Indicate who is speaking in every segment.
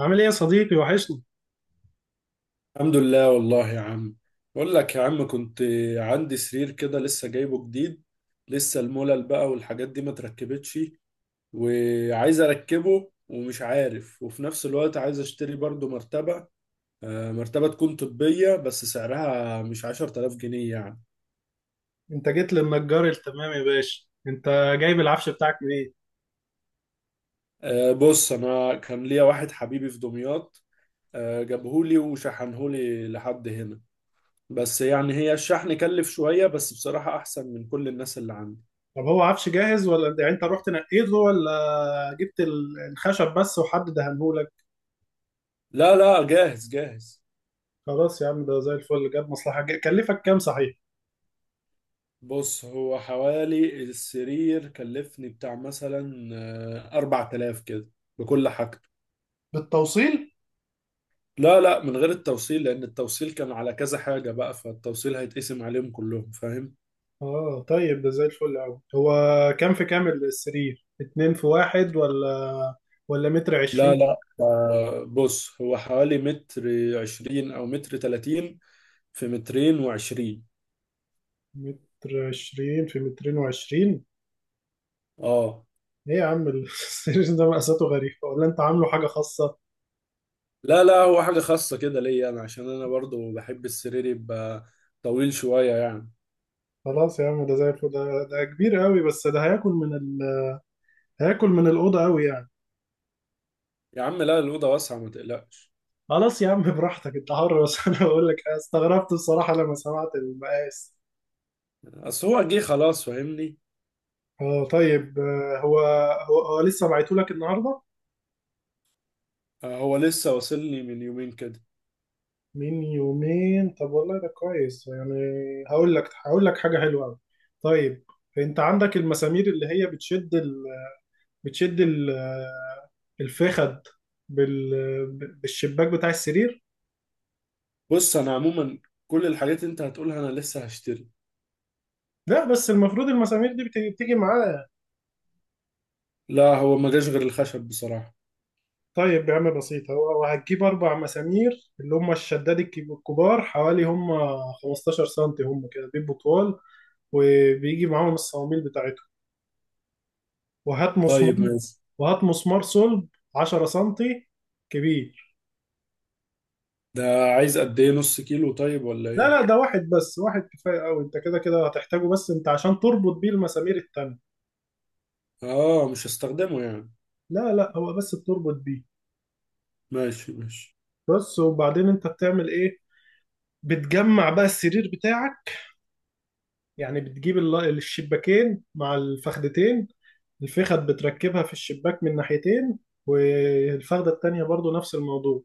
Speaker 1: عامل ايه يا صديقي؟ وحشني.
Speaker 2: الحمد لله والله يا عم. بقول لك يا عم كنت عندي سرير كده لسه جايبه جديد. لسه الملل بقى والحاجات دي ما تركبتش. وعايز اركبه ومش عارف، وفي نفس الوقت عايز اشتري برضو مرتبة. مرتبة تكون طبية بس سعرها مش 10,000 جنيه يعني.
Speaker 1: انت جيت للنجار التمام يا باشا، انت جايب العفش بتاعك منين؟
Speaker 2: بص انا كان ليا واحد حبيبي في دمياط. جابهولي وشحنهولي لحد هنا. بس يعني هي الشحن كلف شوية، بس بصراحة احسن من كل الناس اللي عندي.
Speaker 1: طب هو عفش جاهز ولا يعني انت رحت نقيته، ولا الخشب بس وحد دهنهولك؟
Speaker 2: لا لا، جاهز جاهز.
Speaker 1: خلاص يا عم، ده زي الفل. كلفك كام صحيح؟
Speaker 2: بص هو حوالي السرير كلفني بتاع مثلا 4000 كده، بكل حاجته.
Speaker 1: بالتوصيل؟
Speaker 2: لا لا، من غير التوصيل، لأن التوصيل كان على كذا حاجة بقى، فالتوصيل هيتقسم عليهم كلهم، فاهم؟
Speaker 1: اه طيب، ده زي الفل قوي. هو كام في كام السرير، اتنين في واحد ولا متر
Speaker 2: لا
Speaker 1: عشرين؟
Speaker 2: لا، بص هو حوالي متر عشرين أو متر تلاتين، في مترين وعشرين.
Speaker 1: متر عشرين في مترين وعشرين؟
Speaker 2: اه.
Speaker 1: ايه يا عم السرير ده مقاساته غريبة ولا انت عامله حاجة خاصة؟
Speaker 2: لا لا، هو حاجة خاصة كده ليا أنا، عشان أنا برضو بحب السرير يبقى طويل شوية يعني.
Speaker 1: خلاص يا عم، ده زي الفل. ده كبير قوي، بس ده هياكل هياكل من الأوضة قوي يعني.
Speaker 2: يا عم لا، الأوضة واسعة، ما تقلقش.
Speaker 1: خلاص يا عم، براحتك انت حر، بس انا بقول لك، أنا استغربت بصراحة لما سمعت المقاس.
Speaker 2: اصل هو جه خلاص، فاهمني؟
Speaker 1: اه طيب، هو لسه بعته لك النهارده؟
Speaker 2: هو لسه واصل لي من يومين كده.
Speaker 1: من يومين؟ طب والله ده كويس يعني. هقول لك حاجة حلوة قوي. طيب، انت عندك المسامير اللي هي بتشد الفخد بالشباك بتاع السرير؟
Speaker 2: بص انا عموما كل الحاجات اللي انت هتقولها انا لسه هشتري.
Speaker 1: لا بس المفروض المسامير دي بتيجي معاه.
Speaker 2: لا، هو ما جاش غير الخشب بصراحة.
Speaker 1: طيب يا عم بسيطة، هو هتجيب أربع مسامير اللي هم الشداد، الكبار حوالي، هم 15 سنتي، هم كده بيبقوا طوال، وبيجي معاهم الصواميل بتاعتهم. وهات مسمار،
Speaker 2: طيب ماشي.
Speaker 1: وهات مسمار صلب 10 سنتي كبير.
Speaker 2: ده عايز قد ايه؟ نص كيلو طيب ولا
Speaker 1: لا
Speaker 2: ايه؟
Speaker 1: لا، ده واحد بس، واحد كفاية أوي، أنت كده كده هتحتاجه، بس أنت عشان تربط بيه المسامير التانية.
Speaker 2: اه، مش هستخدمه يعني.
Speaker 1: لا لا، هو بس بتربط بيه.
Speaker 2: ماشي ماشي.
Speaker 1: بس، وبعدين أنت بتعمل إيه؟ بتجمع بقى السرير بتاعك. يعني بتجيب الشباكين مع الفخدتين. الفخد بتركبها في الشباك من ناحيتين، والفخدة التانية برضو نفس الموضوع.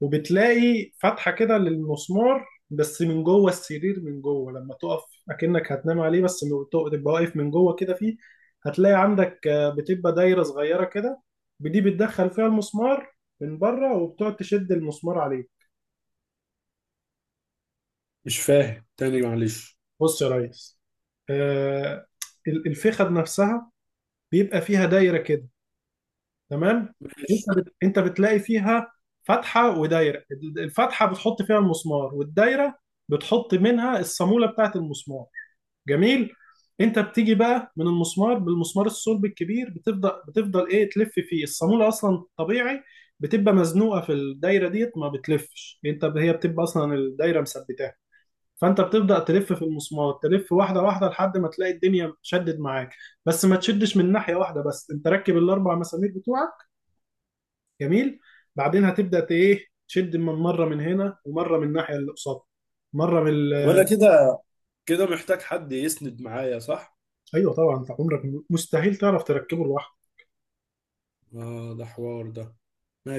Speaker 1: وبتلاقي فتحة كده للمسمار، بس من جوه السرير من جوه لما تقف. اكنك هتنام عليه، بس لما تبقى واقف من جوه كده فيه. هتلاقي عندك بتبقى دايرة صغيرة كده، دي بتدخل فيها المسمار من بره، وبتقعد تشد المسمار عليه.
Speaker 2: مش فاهم تاني، معلش.
Speaker 1: بص يا ريس، آه، الفخد نفسها بيبقى فيها دايرة كده. تمام؟
Speaker 2: ماشي.
Speaker 1: انت بتلاقي فيها فتحه ودايره. الفتحه بتحط فيها المسمار، والدايره بتحط منها الصاموله بتاعت المسمار. جميل. انت بتيجي بقى من المسمار، بالمسمار الصلب الكبير بتفضل تلف فيه الصاموله اصلا طبيعي. بتبقى مزنوقه في الدايره ديت، ما بتلفش. هي بتبقى اصلا الدايره مثبتاها. فانت بتبدا تلف في المسمار، تلف واحده واحده لحد ما تلاقي الدنيا شدت معاك. بس ما تشدش من ناحيه واحده بس، انت ركب الاربع مسامير بتوعك. جميل. بعدين هتبدا ت- ايه تشد من مره من هنا ومره من الناحيه اللي قصادها، مره من
Speaker 2: طب
Speaker 1: ال...
Speaker 2: انا كده كده محتاج حد يسند معايا، صح؟
Speaker 1: ايوه طبعا، انت عمرك مستحيل تعرف تركبه لوحدك.
Speaker 2: اه، ده حوار ده.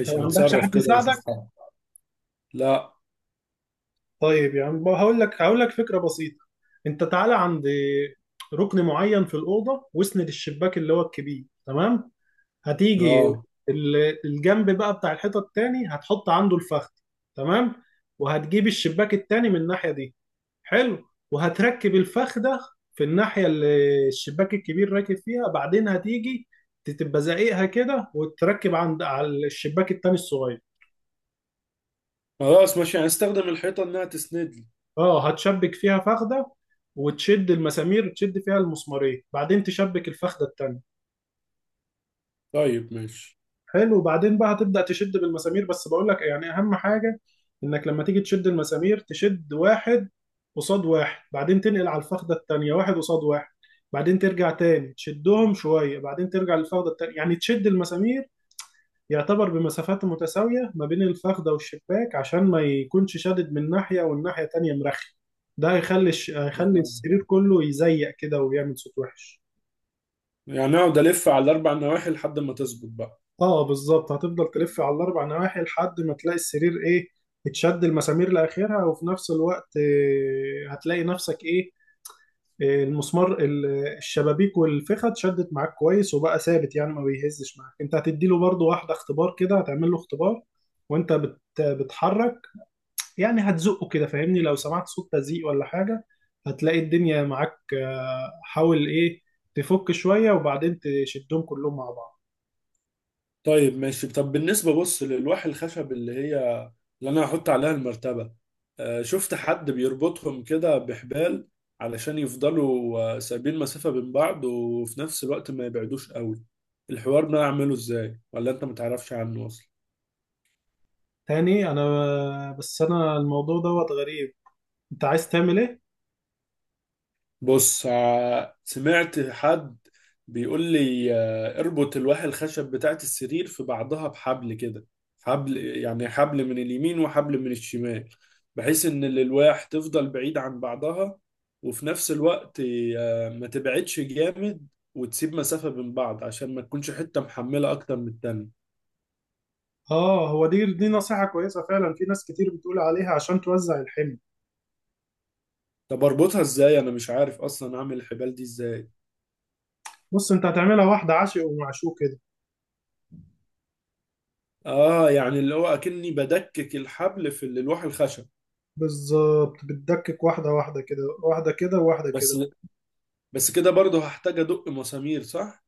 Speaker 1: انت ما صعب عندكش جدا
Speaker 2: هتصرف
Speaker 1: حد
Speaker 2: كده واشوف
Speaker 1: يساعدك؟
Speaker 2: حاجة. لا.
Speaker 1: طيب يعني هقول لك فكره بسيطه. انت تعالى عند ركن معين في الاوضه، واسند الشباك اللي هو الكبير. تمام؟ هتيجي
Speaker 2: اه،
Speaker 1: الجنب بقى بتاع الحيطه التاني، هتحط عنده الفخذ. تمام. وهتجيب الشباك التاني من الناحيه دي. حلو. وهتركب الفخ ده في الناحية اللي الشباك الكبير راكب فيها. بعدين هتيجي تبقى زقيقها كده، وتركب عند على الشباك التاني الصغير.
Speaker 2: خلاص ماشي، هستخدم الحيطة انها تسند لي.
Speaker 1: اه، هتشبك فيها فخدة، وتشد المسامير، تشد فيها المسمارين. بعدين تشبك الفخدة التانية.
Speaker 2: طيب ماشي.
Speaker 1: حلو. وبعدين بقى هتبدأ تشد بالمسامير، بس بقول لك يعني اهم حاجة: انك لما تيجي تشد المسامير، تشد واحد قصاد واحد، بعدين تنقل على الفخدة التانية واحد قصاد واحد، بعدين ترجع تاني تشدهم شوية، بعدين ترجع للفخدة التانية. يعني تشد المسامير يعتبر بمسافات متساوية ما بين الفخدة والشباك، عشان ما يكونش شادد من ناحية والناحية التانية مرخي. ده هيخلي
Speaker 2: آه.
Speaker 1: السرير كله يزيق كده ويعمل صوت وحش.
Speaker 2: يعني اقعد الف على الاربع نواحي لحد ما تظبط بقى.
Speaker 1: اه بالظبط، هتفضل تلف على الاربع نواحي لحد ما تلاقي السرير ايه، اتشد المسامير لاخرها. وفي نفس الوقت هتلاقي نفسك ايه، المسمار الشبابيك والفخة اتشدت معاك كويس، وبقى ثابت، يعني ما بيهزش معاك. انت هتديله برضو واحدة اختبار كده، هتعمل له اختبار. وانت بتحرك، يعني هتزقه كده فاهمني. لو سمعت صوت تزيق ولا حاجة، هتلاقي الدنيا معاك. حاول ايه تفك شوية، وبعدين تشدهم كلهم مع بعض.
Speaker 2: طيب ماشي. طب بالنسبه، بص، للوح الخشب اللي هي اللي انا هحط عليها المرتبه. شفت حد بيربطهم كده بحبال علشان يفضلوا سايبين مسافه بين بعض، وفي نفس الوقت ما يبعدوش قوي. الحوار ده اعمله ازاي، ولا انت متعرفش عنه اصلا؟
Speaker 1: تاني؟ انا بس انا الموضوع دوت غريب، انت عايز تعمل ايه؟
Speaker 2: بص، سمعت حد بيقول لي اربط الواح الخشب بتاعت السرير في بعضها بحبل كده. حبل يعني حبل من اليمين وحبل من الشمال. بحيث ان الالواح تفضل بعيد عن بعضها، وفي نفس الوقت ما تبعدش جامد، وتسيب مسافة بين بعض عشان ما تكونش حتة محملة اكتر من التانية.
Speaker 1: اه، هو دي نصيحة كويسة فعلا، في ناس كتير بتقول عليها عشان توزع الحمل.
Speaker 2: طب اربطها ازاي؟ انا مش عارف اصلا اعمل الحبال دي ازاي.
Speaker 1: بص، انت هتعملها واحدة عشق ومعشوق كده.
Speaker 2: اه، يعني اللي هو اكني بدكك الحبل في الواح الخشب.
Speaker 1: بالظبط، بتدكك واحدة واحدة كده، واحدة كده وواحدة
Speaker 2: بس
Speaker 1: كده.
Speaker 2: بس كده برضه هحتاج ادق مسامير، صح؟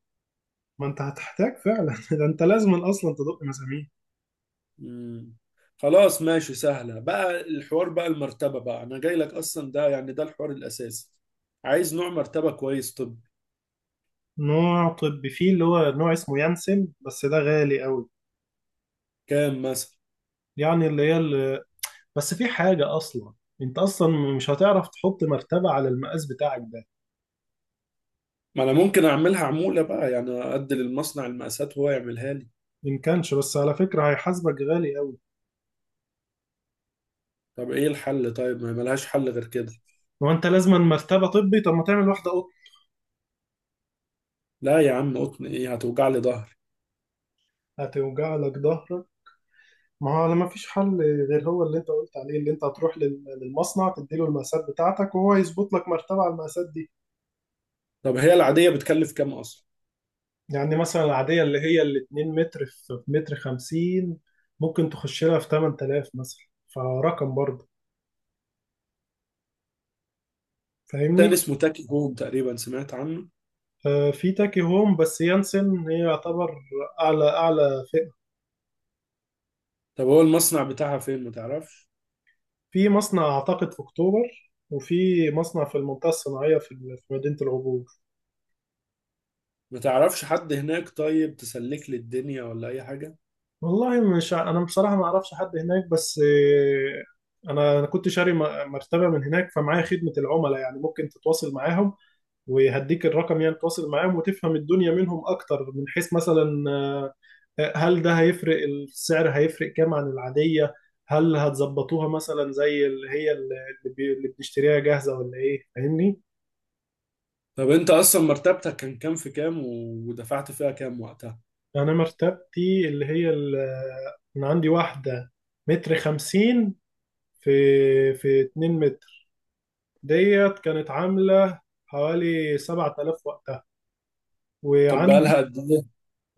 Speaker 1: ما انت هتحتاج فعلا ده انت لازم اصلا تدق مسامير.
Speaker 2: مم. خلاص ماشي، سهلة بقى الحوار. بقى المرتبة بقى، انا جاي لك اصلا، ده يعني ده الحوار الاساسي. عايز نوع مرتبة كويس. طب
Speaker 1: نوع طبي فيه، اللي هو نوع اسمه يانسن، بس ده غالي قوي.
Speaker 2: كام مثلا؟
Speaker 1: يعني اللي هي اللي... بس في حاجة اصلا، انت اصلا مش هتعرف تحط مرتبة على المقاس بتاعك ده.
Speaker 2: ما انا ممكن اعملها عمولة بقى، يعني ادي للمصنع المقاسات وهو يعملها لي.
Speaker 1: إن كانش، بس على فكرة هيحاسبك غالي قوي.
Speaker 2: طب ايه الحل طيب؟ ما ملهاش حل غير كده؟
Speaker 1: هو أنت لازما مرتبة طبي؟ طب ما تعمل واحدة قط.
Speaker 2: لا يا عم، قطن ايه؟ هتوجع لي ظهري.
Speaker 1: هتوجع لك ظهرك؟ ما هو ما فيش حل غير هو اللي أنت قلت عليه، اللي أنت هتروح للمصنع تديله المقاسات بتاعتك وهو يظبط لك مرتبة على المقاسات دي.
Speaker 2: طب هي العادية بتكلف كام اصلا؟
Speaker 1: يعني مثلا العادية اللي هي ال 2 متر في متر 50، ممكن تخش لها في 8000 مثلا، فرقم برضه. فاهمني؟
Speaker 2: تاني اسمه تاكي هوم، تقريبا سمعت عنه.
Speaker 1: في تاكي هوم، بس يانسن هي يعتبر أعلى أعلى.
Speaker 2: طب هو المصنع بتاعها فين؟ ما تعرفش؟
Speaker 1: في مصنع أعتقد في أكتوبر، وفي مصنع في المنطقة الصناعية في مدينة العبور.
Speaker 2: ما تعرفش حد هناك طيب؟ تسلك لي الدنيا ولا اي حاجة؟
Speaker 1: والله مش أنا بصراحة ما أعرفش حد هناك، بس أنا كنت شاري مرتبة من هناك، فمعايا خدمة العملاء، يعني ممكن تتواصل معاهم وهديك الرقم. يعني تتواصل معاهم وتفهم الدنيا منهم أكتر، من حيث مثلا هل ده هيفرق السعر؟ هيفرق كام عن العادية؟ هل هتظبطوها مثلا زي اللي هي اللي بي- اللي بنشتريها جاهزة، ولا إيه فاهمني؟
Speaker 2: طب انت اصلا مرتبتك كان كام في كام، ودفعت فيها كام وقتها؟
Speaker 1: انا مرتبتي اللي هي انا عندي واحده متر خمسين في في 2 متر، ديت كانت عامله حوالي 7000 وقتها.
Speaker 2: طب
Speaker 1: وعندي
Speaker 2: بقالها قد ايه؟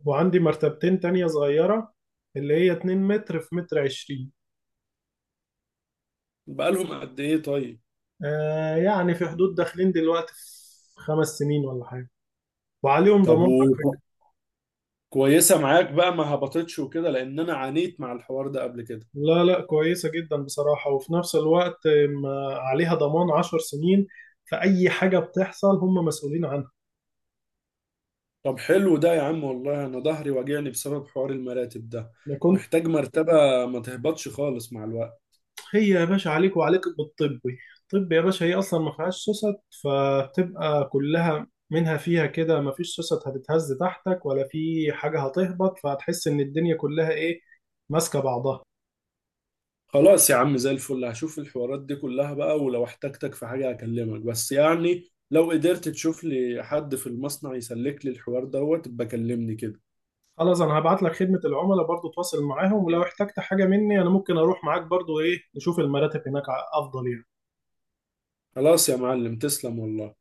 Speaker 1: وعندي مرتبتين تانية صغيرة، اللي هي 2 متر في متر عشرين.
Speaker 2: بقالهم قد ايه طيب؟
Speaker 1: آه يعني في حدود داخلين دلوقتي في 5 سنين ولا حاجة، وعليهم
Speaker 2: طب،
Speaker 1: ضمان على فكرة.
Speaker 2: وكويسة معاك بقى؟ ما هبطتش وكده؟ لان انا عانيت مع الحوار ده قبل كده.
Speaker 1: لا لا، كويسة جدا بصراحة. وفي نفس الوقت، ما عليها ضمان 10 سنين، فأي حاجة بتحصل هم مسؤولين عنها.
Speaker 2: طب حلو ده يا عم والله، انا ظهري واجعني بسبب حوار المراتب ده.
Speaker 1: انا كنت،
Speaker 2: محتاج مرتبة ما تهبطش خالص مع الوقت.
Speaker 1: هي يا باشا عليك، وعليك بالطبي. الطب يا باشا هي اصلا ما فيهاش سوست، فبتبقى كلها منها فيها كده، ما فيش سوست هتتهز تحتك ولا في حاجه هتهبط، فهتحس ان الدنيا كلها ايه، ماسكه بعضها.
Speaker 2: خلاص يا عم زي الفل، هشوف الحوارات دي كلها بقى، ولو احتجتك في حاجة هكلمك، بس يعني لو قدرت تشوف لي حد في المصنع يسلك لي الحوار دوت بكلمني كده.
Speaker 1: خلاص، انا هبعت لك خدمه العملاء برضو، تواصل معاهم. ولو احتجت حاجه مني، انا ممكن اروح معاك برضو ايه نشوف المراتب هناك افضل يعني.
Speaker 2: خلاص يا معلم، تسلم والله.